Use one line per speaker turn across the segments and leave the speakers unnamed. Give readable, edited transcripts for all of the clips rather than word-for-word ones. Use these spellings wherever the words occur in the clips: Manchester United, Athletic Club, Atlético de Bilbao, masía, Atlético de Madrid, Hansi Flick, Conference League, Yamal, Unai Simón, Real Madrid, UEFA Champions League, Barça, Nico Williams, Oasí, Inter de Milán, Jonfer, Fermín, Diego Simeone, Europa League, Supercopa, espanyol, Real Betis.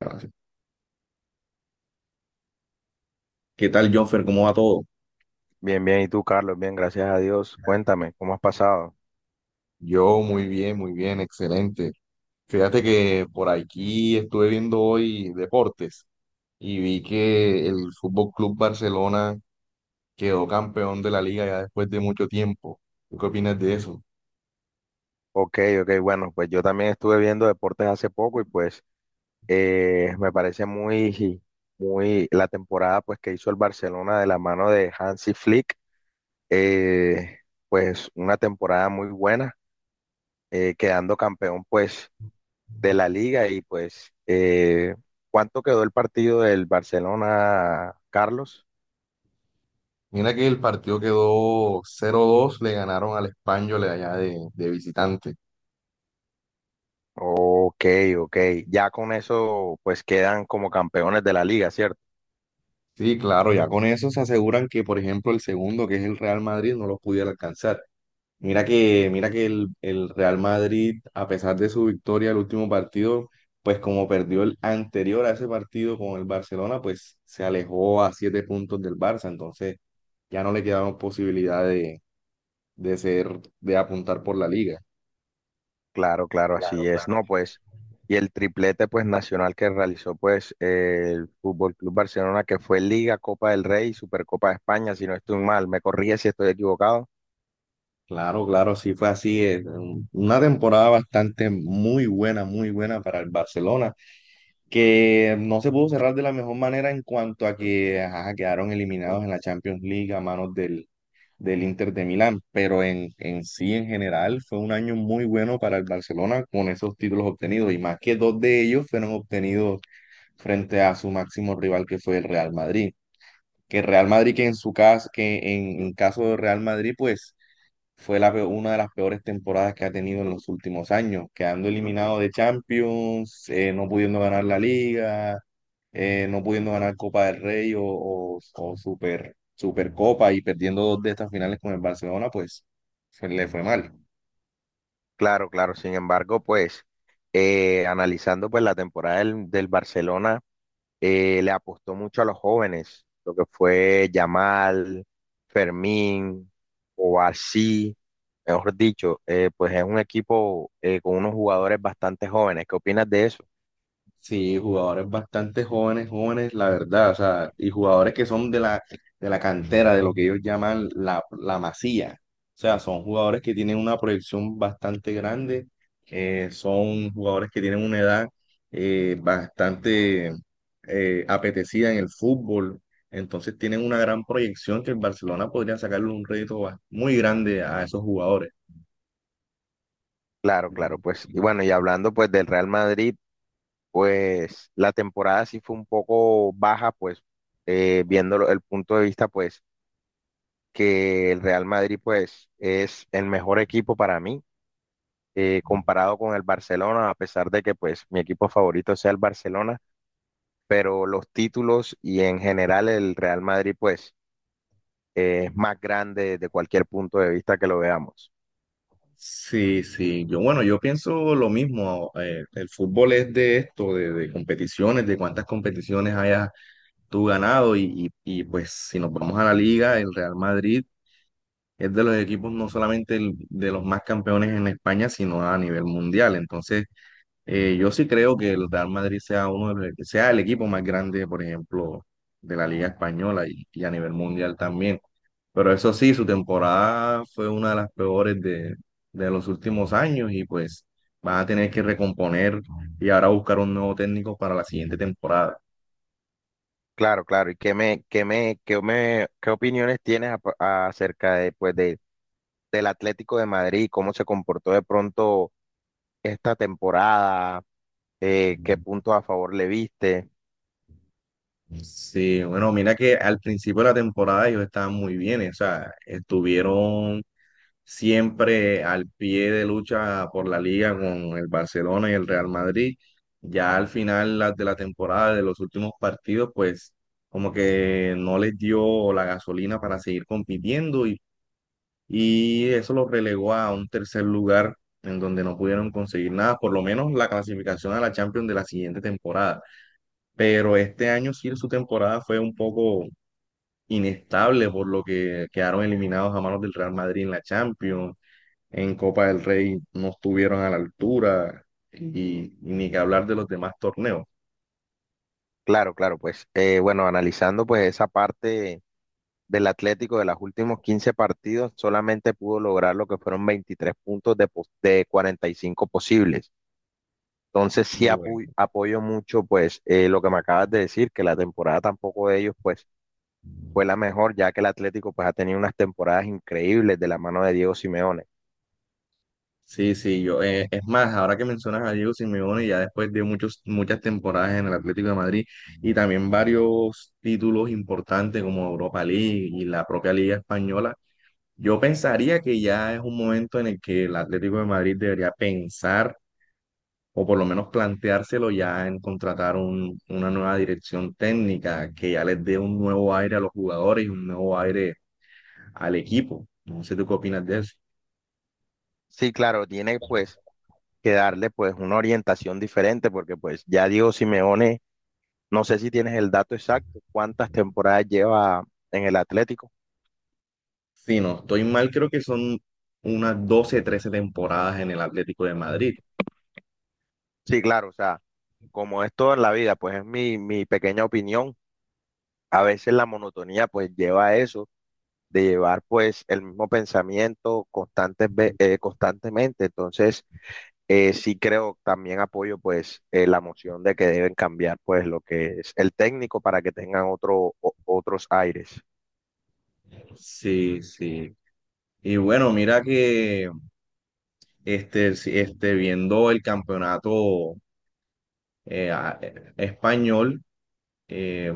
Gracias. ¿Qué tal, Jonfer? ¿Cómo va todo?
Bien, bien. ¿Y tú, Carlos? Bien, gracias a Dios. Cuéntame, ¿cómo has pasado?
Yo muy bien, excelente. Fíjate que por aquí estuve viendo hoy deportes y vi que el Fútbol Club Barcelona quedó campeón de la liga ya después de mucho tiempo. ¿Tú qué opinas de eso?
Ok, ok. Bueno, pues yo también estuve viendo deportes hace poco y me parece muy la temporada pues que hizo el Barcelona de la mano de Hansi Flick, eh, pues una temporada muy buena, quedando campeón pues de la liga y ¿cuánto quedó el partido del Barcelona, Carlos?
Mira que el partido quedó 0-2, le ganaron al espanyol allá de visitante.
Ok, ok. Ya con eso pues quedan como campeones de la liga, ¿cierto?
Sí, claro, ya con eso se aseguran que, por ejemplo, el segundo, que es el Real Madrid, no los pudiera alcanzar. Mira que el Real Madrid, a pesar de su victoria el último partido, pues como perdió el anterior a ese partido con el Barcelona, pues se alejó a 7 puntos del Barça, entonces ya no le quedaron posibilidad de ser, de apuntar por la liga.
Claro, claro,
Claro,
así es.
claro.
No, pues, y el triplete pues nacional que realizó el Fútbol Club Barcelona, que fue Liga, Copa del Rey y Supercopa de España, si no estoy mal, me corrige si estoy equivocado.
Claro, claro, sí fue así. Una temporada bastante muy buena para el Barcelona, que no se pudo cerrar de la mejor manera en cuanto a que ajá, quedaron eliminados en la Champions League a manos del Inter de Milán, pero en sí, en general, fue un año muy bueno para el Barcelona con esos títulos obtenidos, y más que dos de ellos fueron obtenidos frente a su máximo rival que fue el Real Madrid. Que Real Madrid, que en su caso, que en caso de Real Madrid, pues fue una de las peores temporadas que ha tenido en los últimos años, quedando eliminado de Champions, no pudiendo ganar la Liga, no pudiendo ganar Copa del Rey o Supercopa y perdiendo dos de estas finales con el Barcelona, pues se le fue mal.
Claro, claro, sin embargo, analizando pues la temporada del Barcelona, le apostó mucho a los jóvenes, lo que fue Yamal, Fermín, Oasí, mejor dicho, pues es un equipo con unos jugadores bastante jóvenes. ¿Qué opinas de eso?
Sí, jugadores bastante jóvenes, jóvenes, la verdad, o sea, y jugadores que son de la cantera, de lo que ellos llaman la masía. O sea, son jugadores que tienen una proyección bastante grande, son jugadores que tienen una edad bastante apetecida en el fútbol, entonces tienen una gran proyección que el Barcelona podría sacarle un muy grande a esos jugadores.
Claro, claro, pues, y bueno, y hablando pues del Real Madrid, pues la temporada sí fue un poco baja, pues, viéndolo el punto de vista, pues, que el Real Madrid, pues, es el mejor equipo para mí, comparado con el Barcelona, a pesar de que, pues, mi equipo favorito sea el Barcelona, pero los títulos y en general el Real Madrid, pues, es más grande desde cualquier punto de vista que lo veamos.
Sí, sí, yo bueno, yo pienso lo mismo. El fútbol es de esto, de competiciones, de cuántas competiciones hayas tú ganado y pues si nos vamos a la liga, el Real Madrid es de los equipos no solamente el- de los más campeones en España, sino a nivel mundial. Entonces, yo sí creo que el Real Madrid sea uno de los- sea el equipo más grande, por ejemplo, de la liga española y a nivel mundial también. Pero eso sí, su temporada fue una de las peores de los últimos años y pues van a tener que recomponer y ahora buscar un nuevo técnico para la siguiente temporada.
Claro, claro. ¿Y qué opiniones tienes acerca de, pues, de del Atlético de Madrid, cómo se comportó de pronto esta temporada, qué puntos a favor le viste?
Sí, bueno, mira que al principio de la temporada ellos estaban muy bien, o sea, estuvieron siempre al pie de lucha por la liga con el Barcelona y el Real Madrid. Ya al final de la temporada, de los últimos partidos, pues como que no les dio la gasolina para seguir compitiendo y eso lo relegó a un tercer lugar en donde no pudieron conseguir nada, por lo menos la clasificación a la Champions de la siguiente temporada. Pero este año sí su temporada fue un poco inestable, por lo que quedaron eliminados a manos del Real Madrid en la Champions, en Copa del Rey no estuvieron a la altura y ni que hablar de los demás torneos.
Claro, claro, bueno, analizando pues esa parte del Atlético de los últimos 15 partidos, solamente pudo lograr lo que fueron 23 puntos de 45 posibles. Entonces sí
Bueno.
apoyo mucho lo que me acabas de decir, que la temporada tampoco de ellos pues fue la mejor, ya que el Atlético pues ha tenido unas temporadas increíbles de la mano de Diego Simeone.
Sí, sí, yo, es más, ahora que mencionas a Diego Simeone, ya después de muchas temporadas en el Atlético de Madrid y también varios títulos importantes como Europa League y la propia Liga Española, yo pensaría que ya es un momento en el que el Atlético de Madrid debería pensar o por lo menos planteárselo ya en contratar una nueva dirección técnica que ya les dé un nuevo aire a los jugadores y un nuevo aire al equipo. No sé tú qué opinas de eso.
Sí, claro, tiene pues que darle pues una orientación diferente, porque pues ya Diego Simeone, no sé si tienes el dato exacto, cuántas temporadas lleva en el Atlético.
Si no estoy mal, creo que son unas 12, 13 temporadas en el Atlético de Madrid.
Sí, claro, o sea, como es todo en la vida, pues es mi pequeña opinión. A veces la monotonía pues lleva a eso, de llevar pues el mismo pensamiento constantemente. Entonces, sí creo, también apoyo la moción de que deben cambiar pues lo que es el técnico para que tengan otros aires.
Sí, sí. Y bueno, mira que viendo el campeonato español, eh,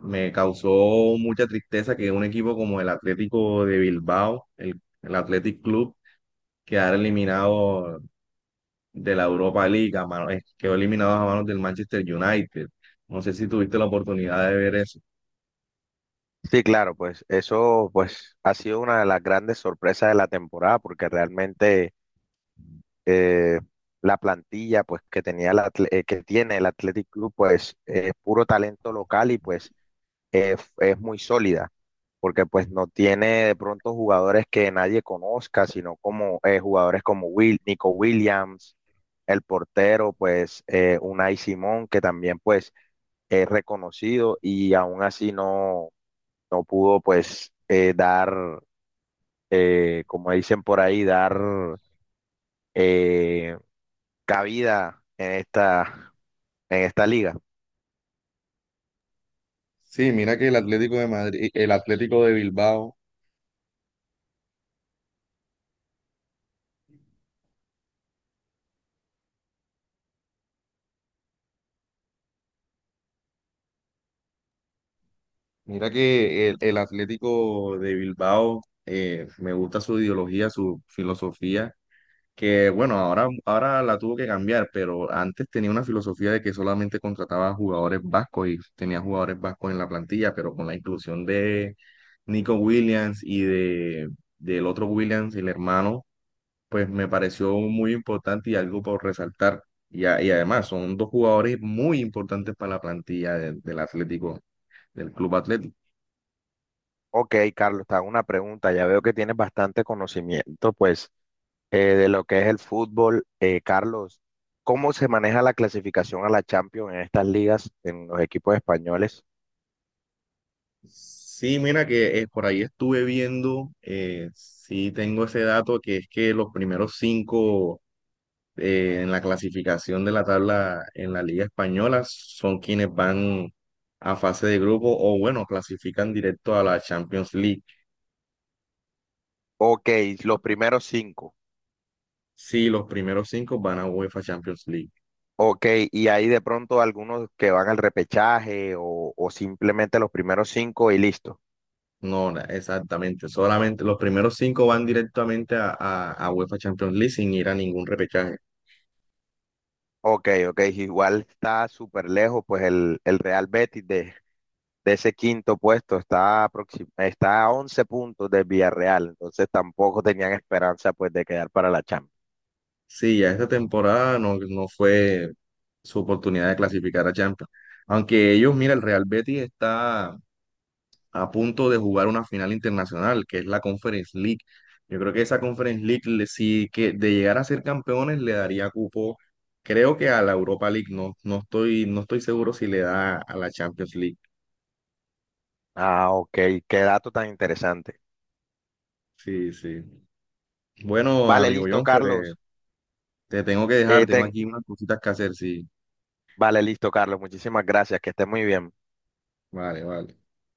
me causó mucha tristeza que un equipo como el Atlético de Bilbao, el Athletic Club, quedara eliminado de la Europa League, quedó eliminado a manos del Manchester United. No sé si tuviste la oportunidad de ver eso.
Sí, claro, pues eso pues ha sido una de las grandes sorpresas de la temporada porque realmente eh, la plantilla pues que tenía que tiene el Athletic Club es puro talento local y pues es muy sólida porque pues no tiene de pronto jugadores que nadie conozca, sino como jugadores como Nico Williams, el portero Unai Simón que también pues es reconocido y aún así no pudo dar, como dicen por ahí, dar eh, cabida en en esta liga.
Sí, mira que el Atlético de Madrid, el Atlético de Bilbao, el Atlético de Bilbao, me gusta su ideología, su filosofía, que bueno, ahora, ahora la tuvo que cambiar, pero antes tenía una filosofía de que solamente contrataba jugadores vascos y tenía jugadores vascos en la plantilla, pero con la inclusión de Nico Williams del otro Williams, el hermano, pues me pareció muy importante y algo por resaltar. Y, y además son dos jugadores muy importantes para la plantilla del Atlético, del Club Atlético.
Ok, Carlos, te hago una pregunta. Ya veo que tienes bastante conocimiento de lo que es el fútbol. Carlos, ¿cómo se maneja la clasificación a la Champions en estas ligas, en los equipos españoles?
Sí, mira que por ahí estuve viendo, sí tengo ese dato que es que los primeros 5 en la clasificación de la tabla en la Liga Española son quienes van a fase de grupo o bueno, clasifican directo a la Champions League.
Ok, los primeros cinco.
Sí, los primeros 5 van a UEFA Champions League.
Ok, y hay de pronto algunos que van al repechaje o simplemente los primeros cinco y listo.
No, na- Exactamente. Solamente los primeros 5 van directamente a UEFA Champions League sin ir a ningún repechaje.
Ok, ok, igual está súper lejos, pues el Real Betis de ese quinto puesto está, está a 11 puntos de Villarreal, entonces tampoco tenían esperanza pues de quedar para la Champions.
Sí, ya esta temporada no, no fue su oportunidad de clasificar a Champions. Aunque ellos, mira, el Real Betis está a punto de jugar una final internacional, que es la Conference League. Yo creo que esa Conference League, sí que de llegar a ser campeones, le daría cupo, creo que a la Europa League. No, no estoy, no estoy seguro si le da a la Champions League.
Ah, ok, qué dato tan interesante.
Sí, sí. Bueno,
Vale,
amigo
listo,
Jonfer,
Carlos.
te tengo que dejar,
Eh,
tengo
ten-
aquí unas cositas que hacer, sí.
Vale, listo, Carlos, muchísimas gracias, que estés muy bien.
Vale, vale.